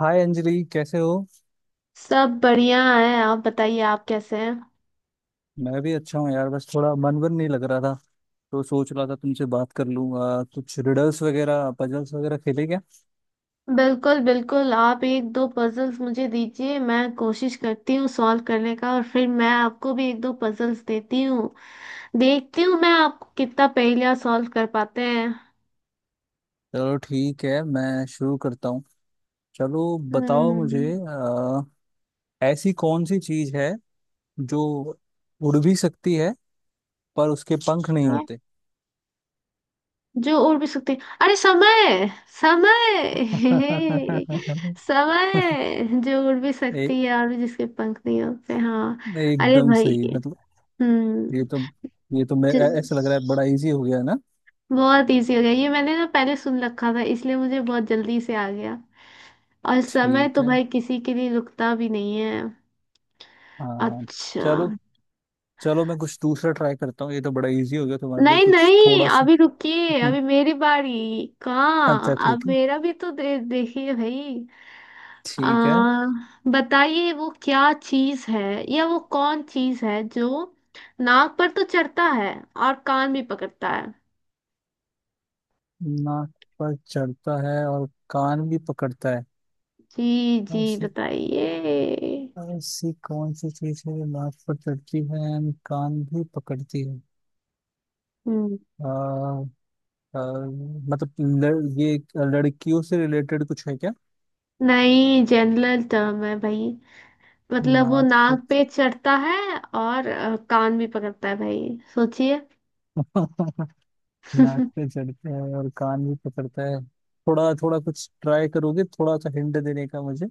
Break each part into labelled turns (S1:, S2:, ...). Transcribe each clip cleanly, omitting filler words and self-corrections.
S1: हाय अंजलि, कैसे हो?
S2: सब बढ़िया है। आप बताइए, आप कैसे हैं?
S1: मैं भी अच्छा हूँ यार, बस थोड़ा मन वन नहीं लग रहा था। तो सोच रहा था तुमसे बात कर लूँ। कुछ रिडल्स वगैरह पजल्स वगैरह खेले क्या?
S2: बिल्कुल बिल्कुल, आप एक दो पजल्स मुझे दीजिए, मैं कोशिश करती हूँ सॉल्व करने का, और फिर मैं आपको भी एक दो पजल्स देती हूँ। देखती हूँ मैं आपको कितना पहेलियाँ सॉल्व कर पाते हैं।
S1: चलो ठीक है, मैं शुरू करता हूँ। चलो। बताओ
S2: हम्म।
S1: मुझे ऐसी कौन सी चीज़ है जो उड़ भी सकती है पर उसके पंख नहीं
S2: हाँ,
S1: होते?
S2: जो उड़ भी सकते हैं। अरे समय, समय हे, समय जो उड़ भी
S1: ए,
S2: सकती है और जिसके पंख नहीं होते। हाँ। अरे
S1: एकदम
S2: भाई!
S1: सही, मतलब ये
S2: हम्म।
S1: तो ये तो मैं ऐसा लग रहा है बड़ा इजी हो गया ना।
S2: बहुत इजी हो गया, ये मैंने ना पहले सुन रखा था, इसलिए मुझे बहुत जल्दी से आ गया। और समय
S1: ठीक
S2: तो
S1: है।
S2: भाई किसी के लिए रुकता भी नहीं है।
S1: हाँ।
S2: अच्छा।
S1: चलो। चलो मैं कुछ दूसरा ट्राई करता हूँ, ये तो बड़ा इजी हो गया तुम्हारे लिए,
S2: नहीं
S1: कुछ
S2: नहीं,
S1: थोड़ा सा।
S2: अभी रुकिए,
S1: हम्म,
S2: अभी मेरी बारी। कहाँ,
S1: अच्छा
S2: अब
S1: ठीक है।
S2: मेरा भी तो देखिए भाई। आ,
S1: ठीक है।
S2: बताइए वो क्या चीज है, या वो कौन चीज है जो नाक पर तो चढ़ता है और कान भी पकड़ता है।
S1: नाक पर चढ़ता है और कान भी पकड़ता है।
S2: जी जी,
S1: ऐसी
S2: बताइए।
S1: ऐसी कौन सी चीज है जो नाक पर चढ़ती है and कान भी पकड़ती है?
S2: हम्म।
S1: आ, आ, ये एक लड़कियों से रिलेटेड कुछ है क्या?
S2: नहीं, जनरल टर्म है भाई। मतलब वो
S1: नाक पे
S2: नाक पे चढ़ता है और कान भी पकड़ता है, भाई सोचिए।
S1: नाक पे चढ़ता है और कान भी पकड़ता है। थोड़ा थोड़ा कुछ ट्राई करोगे, थोड़ा सा हिंट देने का मुझे?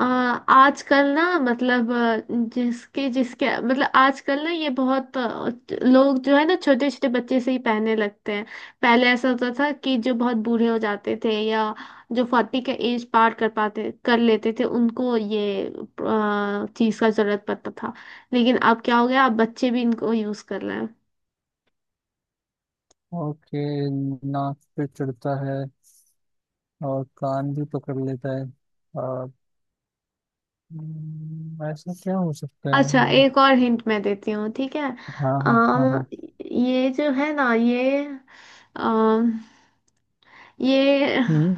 S2: आजकल ना, मतलब जिसके जिसके मतलब आजकल ना, ये बहुत लोग जो है ना, छोटे छोटे बच्चे से ही पहनने लगते हैं। पहले ऐसा होता था कि जो बहुत बूढ़े हो जाते थे, या जो फोर्टी का एज पार कर पाते कर लेते थे, उनको ये चीज का जरूरत पड़ता था। लेकिन अब क्या हो गया, अब बच्चे भी इनको यूज कर रहे हैं।
S1: ओके। नाक पे चढ़ता है और कान भी पकड़ लेता है और ऐसा क्या हो सकता
S2: अच्छा,
S1: है जो?
S2: एक और हिंट मैं देती हूँ, ठीक है।
S1: हाँ हाँ हाँ
S2: आ,
S1: हाँ।
S2: ये जो है ना, ये आ, ये
S1: हम्म।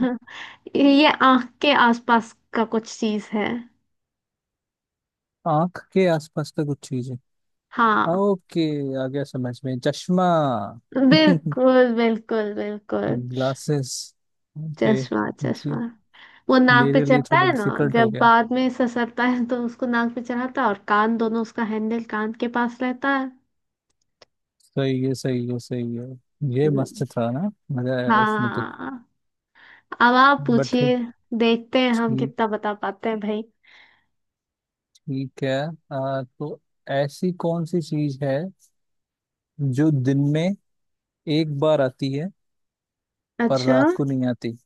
S2: ये आंख के आसपास का कुछ चीज है।
S1: आंख के आसपास का कुछ चीज है।
S2: हाँ।
S1: ओके, आ गया समझ में, चश्मा।
S2: बिल्कुल बिल्कुल बिल्कुल।
S1: ग्लासेस। ओके।
S2: चश्मा
S1: जी।
S2: चश्मा। वो नाक पे
S1: मेरे लिए
S2: चढ़ता
S1: थोड़ा
S2: है ना।
S1: डिफिकल्ट
S2: जब
S1: हो गया।
S2: बाद में ससरता है तो उसको नाक पे चढ़ाता है और कान दोनों उसका हैंडल कान के पास रहता है।
S1: सही है, सही है, सही है। ये मस्त
S2: हम्म।
S1: था ना, मजा आया इसमें तो।
S2: हाँ, अब आप
S1: बट,
S2: पूछिए। देखते हैं हम
S1: ठीक,
S2: कितना बता पाते हैं भाई।
S1: ठीक है। तो ऐसी कौन सी चीज है जो दिन में एक बार आती है पर
S2: अच्छा।
S1: रात को नहीं आती?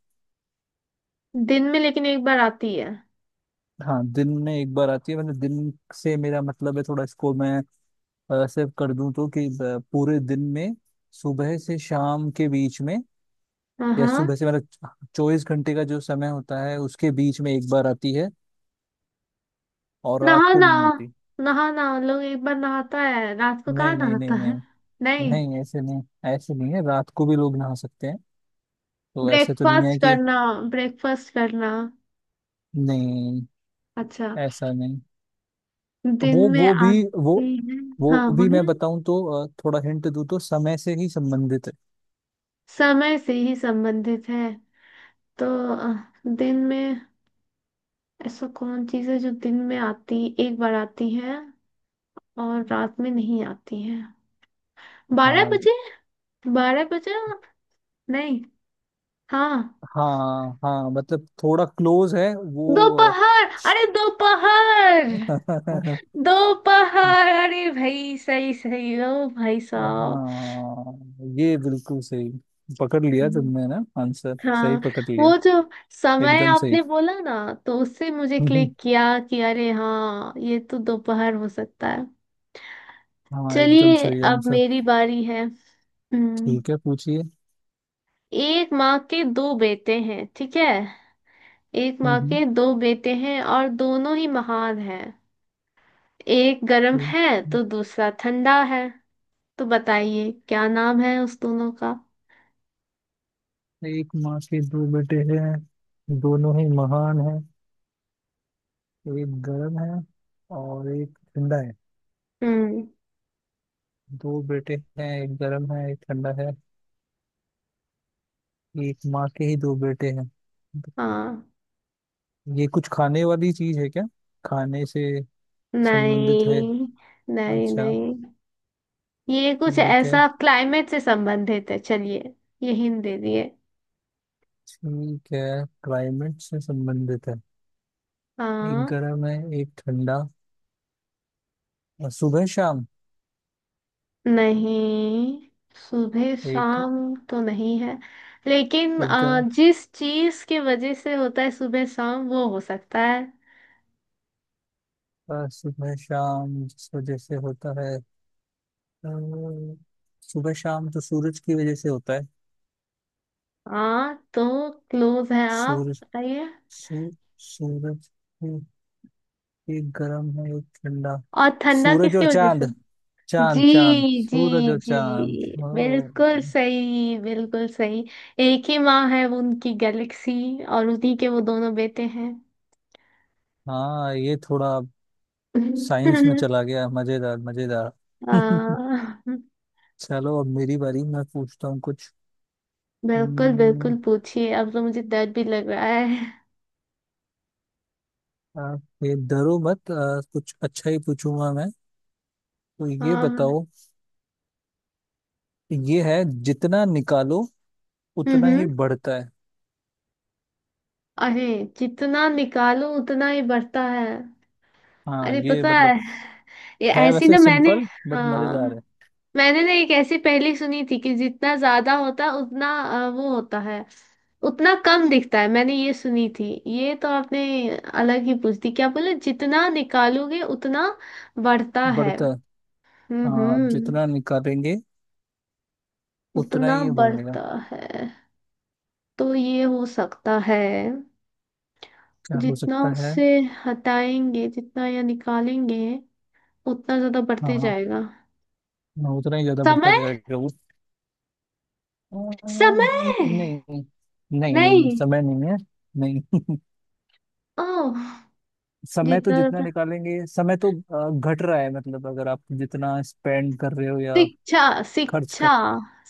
S2: दिन में, लेकिन एक बार आती है।
S1: हाँ, दिन में एक बार आती है, मतलब दिन से मेरा मतलब है, थोड़ा इसको मैं ऐसे कर दूं तो कि पूरे दिन में, सुबह से शाम के बीच में,
S2: हाँ
S1: या
S2: हाँ।
S1: सुबह से मतलब 24 घंटे का जो समय होता है उसके बीच में एक बार आती है और रात
S2: नहा
S1: को
S2: ना,
S1: नहीं आती।
S2: नहा ना। लोग एक बार नहाता है, रात को कहाँ
S1: नहीं, नहीं, नहीं,
S2: नहाता
S1: नहीं।
S2: है। नहीं।
S1: नहीं, ऐसे नहीं। ऐसे नहीं है, रात को भी लोग नहा सकते हैं। तो ऐसे तो नहीं है
S2: ब्रेकफास्ट
S1: कि,
S2: करना, ब्रेकफास्ट करना।
S1: नहीं,
S2: अच्छा।
S1: ऐसा नहीं।
S2: दिन
S1: वो
S2: में
S1: वो
S2: आती है।
S1: वो
S2: हाँ
S1: भी मैं
S2: बोलिए।
S1: बताऊं तो थोड़ा हिंट दूं तो, समय से ही संबंधित है।
S2: समय से ही संबंधित है। तो अ, दिन में ऐसा कौन चीज है जो दिन में आती, एक बार आती है और रात में नहीं आती है। बारह
S1: हाँ
S2: बजे, बारह बजे। नहीं। हाँ।
S1: हाँ हाँ, मतलब थोड़ा क्लोज है वो
S2: दोपहर, अरे दोपहर! दोपहर, अरे भाई, सही सही। ओ भाई साहब!
S1: हाँ ये बिल्कुल सही। पकड़ लिया
S2: हम्म।
S1: तुमने ना, आंसर सही
S2: हाँ,
S1: पकड़ लिया।
S2: वो जो समय
S1: एकदम सही।
S2: आपने बोला ना, तो उससे मुझे
S1: हम्म,
S2: क्लिक किया कि अरे हाँ, ये तो दोपहर हो सकता है।
S1: हाँ एकदम
S2: चलिए,
S1: सही
S2: अब
S1: आंसर।
S2: मेरी बारी है। हम्म।
S1: ठीक है, पूछिए।
S2: एक माँ के दो बेटे हैं, ठीक है। एक माँ
S1: हम्म।
S2: के दो बेटे हैं और दोनों ही महान हैं। एक गर्म
S1: हम्म,
S2: है तो दूसरा ठंडा है। तो बताइए क्या नाम है उस दोनों का।
S1: एक एक माँ के दो बेटे हैं, दोनों ही महान हैं। एक गर्म है और एक ठंडा है।
S2: हम्म।
S1: दो बेटे हैं, एक गर्म है एक ठंडा है, एक माँ के ही दो बेटे हैं।
S2: हाँ।
S1: ये कुछ खाने वाली चीज है क्या, खाने से संबंधित है?
S2: नहीं नहीं
S1: अच्छा,
S2: नहीं। ये कुछ
S1: ठीक है।
S2: ऐसा क्लाइमेट से संबंधित है। चलिए, ये हिंट दे दिए।
S1: ठीक है, क्लाइमेट से संबंधित है। एक
S2: हाँ।
S1: गर्म है, एक ठंडा, और सुबह शाम,
S2: नहीं, सुबह
S1: एक
S2: शाम तो नहीं है, लेकिन
S1: एक गर्म,
S2: जिस चीज की वजह से होता है सुबह शाम, वो हो सकता है।
S1: और सुबह शाम जिस वजह से होता है, अ, सुबह शाम तो सूरज की वजह से होता है।
S2: हाँ, तो क्लोज है, आप
S1: सूरज,
S2: बताइए।
S1: सू, सूरज। एक गर्म है एक ठंडा।
S2: और ठंडा
S1: सूरज
S2: किसकी
S1: और
S2: वजह से।
S1: चांद, चांद चांद,
S2: जी जी
S1: सूरज और
S2: जी।
S1: चांद। ओ।
S2: बिल्कुल सही, बिल्कुल सही। एक ही माँ है, वो उनकी गैलेक्सी, और उन्हीं के वो दोनों बेटे हैं।
S1: हाँ ये थोड़ा साइंस में चला गया, मजेदार मजेदार।
S2: आ,
S1: चलो, अब मेरी बारी, मैं पूछता हूँ कुछ।
S2: बिल्कुल
S1: हम्म,
S2: बिल्कुल, पूछिए। अब तो मुझे डर भी लग रहा है।
S1: आप ये डरो मत, कुछ अच्छा ही पूछूंगा मैं। तो ये
S2: हाँ।
S1: बताओ, ये है, जितना निकालो
S2: हम्म
S1: उतना ही
S2: हम्म।
S1: बढ़ता है।
S2: अरे, जितना निकालो उतना ही बढ़ता है।
S1: हाँ
S2: अरे
S1: ये
S2: पता है,
S1: मतलब
S2: ये
S1: है
S2: ऐसी
S1: वैसे
S2: ना मैंने।
S1: सिंपल बट
S2: हाँ।
S1: मजेदार है।
S2: मैंने ना एक ऐसी पहेली सुनी थी कि जितना ज्यादा होता है उतना वो होता है, उतना कम दिखता है। मैंने ये सुनी थी। ये तो आपने अलग ही पूछ दी। क्या बोले, जितना निकालोगे उतना बढ़ता है।
S1: बढ़ता है। हाँ आप
S2: हम्म।
S1: जितना निकालेंगे उतना
S2: उतना
S1: ही ये बढ़ेगा।
S2: बढ़ता है, तो ये हो सकता है,
S1: क्या हो
S2: जितना
S1: सकता है?
S2: उससे हटाएंगे, जितना या निकालेंगे उतना ज्यादा बढ़ते
S1: हाँ,
S2: जाएगा।
S1: हाँ, उतना ही ज्यादा बढ़ता
S2: समय।
S1: जाएगा वो। अ,
S2: समय।
S1: नहीं नहीं, नहीं नहीं,
S2: नहीं।
S1: समय नहीं है, नहीं।
S2: ओह।
S1: समय तो
S2: जितना
S1: जितना
S2: ज्यादा,
S1: निकालेंगे, समय तो घट रहा है मतलब, अगर आप जितना स्पेंड कर रहे हो या
S2: शिक्षा,
S1: खर्च कर,
S2: शिक्षा,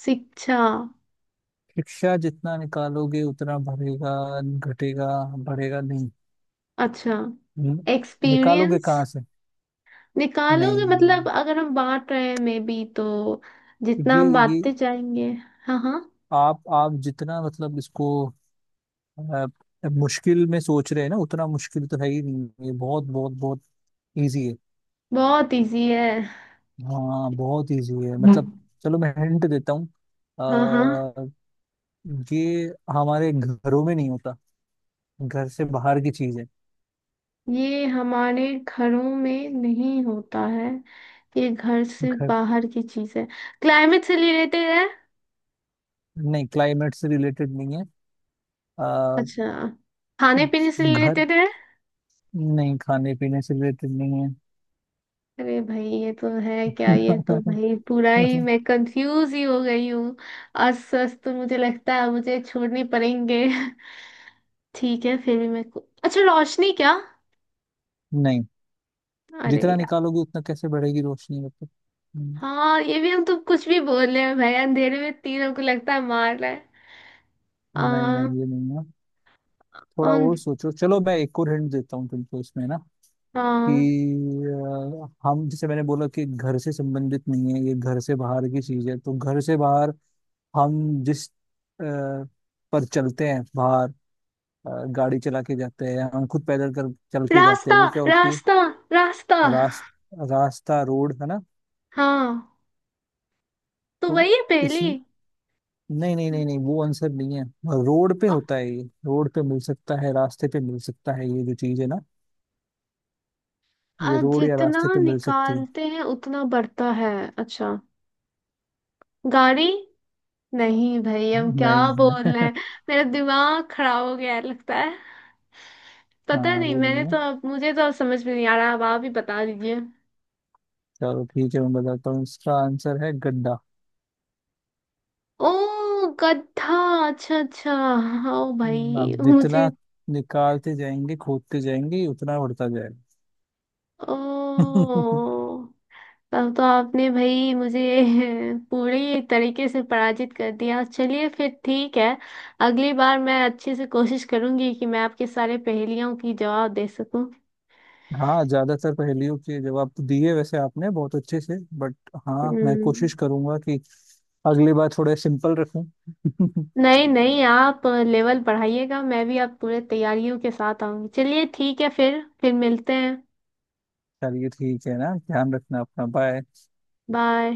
S2: शिक्षा।
S1: शिक्षा जितना निकालोगे उतना बढ़ेगा, घटेगा, बढ़ेगा नहीं।
S2: अच्छा।
S1: न- निकालोगे
S2: एक्सपीरियंस।
S1: कहाँ से? नहीं,
S2: निकालोगे
S1: नहीं,
S2: मतलब, अगर हम बांट रहे हैं मे बी, तो
S1: नहीं।
S2: जितना
S1: ये
S2: हम
S1: ये
S2: बांटते जाएंगे। हाँ हाँ।
S1: आप जितना, मतलब इसको अब अब मुश्किल में सोच रहे हैं ना, उतना मुश्किल तो है ही नहीं ये, बहुत बहुत बहुत इजी है।
S2: बहुत इजी है।
S1: हाँ बहुत इजी है मतलब।
S2: हम्म।
S1: चलो मैं हिंट देता हूँ,
S2: हाँ हाँ।
S1: अ, ये हमारे घरों में नहीं होता, घर से बाहर की चीज है।
S2: ये हमारे घरों में नहीं होता है, ये घर से
S1: घर
S2: बाहर की चीज है। क्लाइमेट से रिलेटेड है।
S1: नहीं, क्लाइमेट से रिलेटेड नहीं है। आ,
S2: अच्छा। खाने पीने से
S1: घर
S2: रिलेटेड है।
S1: नहीं, खाने पीने से रिलेटेड नहीं है।
S2: अरे भाई, ये तो है क्या? ये तो भाई पूरा ही मैं कंफ्यूज ही हो गई हूँ। अस्त अस्त तो मुझे लगता है मुझे छोड़ने पड़ेंगे। ठीक है, फिर भी मैं अच्छा, रोशनी क्या।
S1: नहीं,
S2: अरे
S1: जितना
S2: यार।
S1: निकालोगे उतना कैसे बढ़ेगी रोशनी, मतलब। हम्म,
S2: हाँ, ये भी हम तो कुछ भी बोल रहे हैं भाई, अंधेरे में तीनों को लगता है मार रहा है।
S1: नहीं
S2: आ,
S1: नहीं ये नहीं है। थोड़ा
S2: और,
S1: वो सोचो, चलो मैं एक और हिंट देता हूँ तुमको इसमें ना, कि
S2: हाँ।
S1: हम, जैसे मैंने बोला कि घर से संबंधित नहीं है, ये घर से बाहर की चीज है, तो घर से बाहर हम जिस पर चलते हैं बाहर, गाड़ी चला के जाते हैं हम, खुद पैदल कर चल के जाते हैं,
S2: रास्ता,
S1: वो क्या होती है?
S2: रास्ता, रास्ता।
S1: रास, रास्ता, रोड है ना।
S2: हाँ, तो
S1: तो
S2: वही है
S1: इस
S2: पहली।
S1: नहीं नहीं, नहीं नहीं, वो आंसर नहीं है। रोड पे
S2: अ-
S1: होता है ये, रोड पे मिल सकता है, रास्ते पे मिल सकता है ये जो चीज है ना, ये रोड या
S2: जितना
S1: रास्ते पे मिल सकती है।
S2: निकालते हैं उतना बढ़ता है। अच्छा। गाड़ी। नहीं भाई, हम क्या
S1: नहीं,
S2: बोल
S1: नहीं,
S2: रहे हैं। मेरा दिमाग खराब हो गया है लगता है। पता
S1: हाँ
S2: नहीं,
S1: वो
S2: मैंने
S1: नहीं है।
S2: तो अब मुझे तो अब समझ में नहीं आ रहा। अब आप ही बता दीजिए।
S1: चलो ठीक है, मैं बताता हूँ, इसका आंसर है गड्ढा।
S2: ओ। गधा। अच्छा अच्छा, हाँ। ओ
S1: आप
S2: भाई मुझे।
S1: जितना निकालते जाएंगे, खोदते जाएंगे, उतना बढ़ता जाएगा।
S2: ओ। तब तो आपने भाई मुझे पूरी तरीके से पराजित कर दिया। चलिए फिर ठीक है। अगली बार मैं अच्छे से कोशिश करूंगी कि मैं आपके सारे पहेलियों की जवाब दे सकूं।
S1: हाँ, ज्यादातर पहेलियों के जवाब तो दिए वैसे आपने बहुत अच्छे से, बट हाँ मैं
S2: हम्म।
S1: कोशिश करूंगा कि अगली बार थोड़े सिंपल रखूं।
S2: नहीं नहीं, आप लेवल बढ़ाइएगा, मैं भी आप पूरे तैयारियों के साथ आऊंगी। चलिए ठीक है फिर मिलते हैं।
S1: चलिए, ठीक है ना, ध्यान रखना अपना, बाय।
S2: बाय।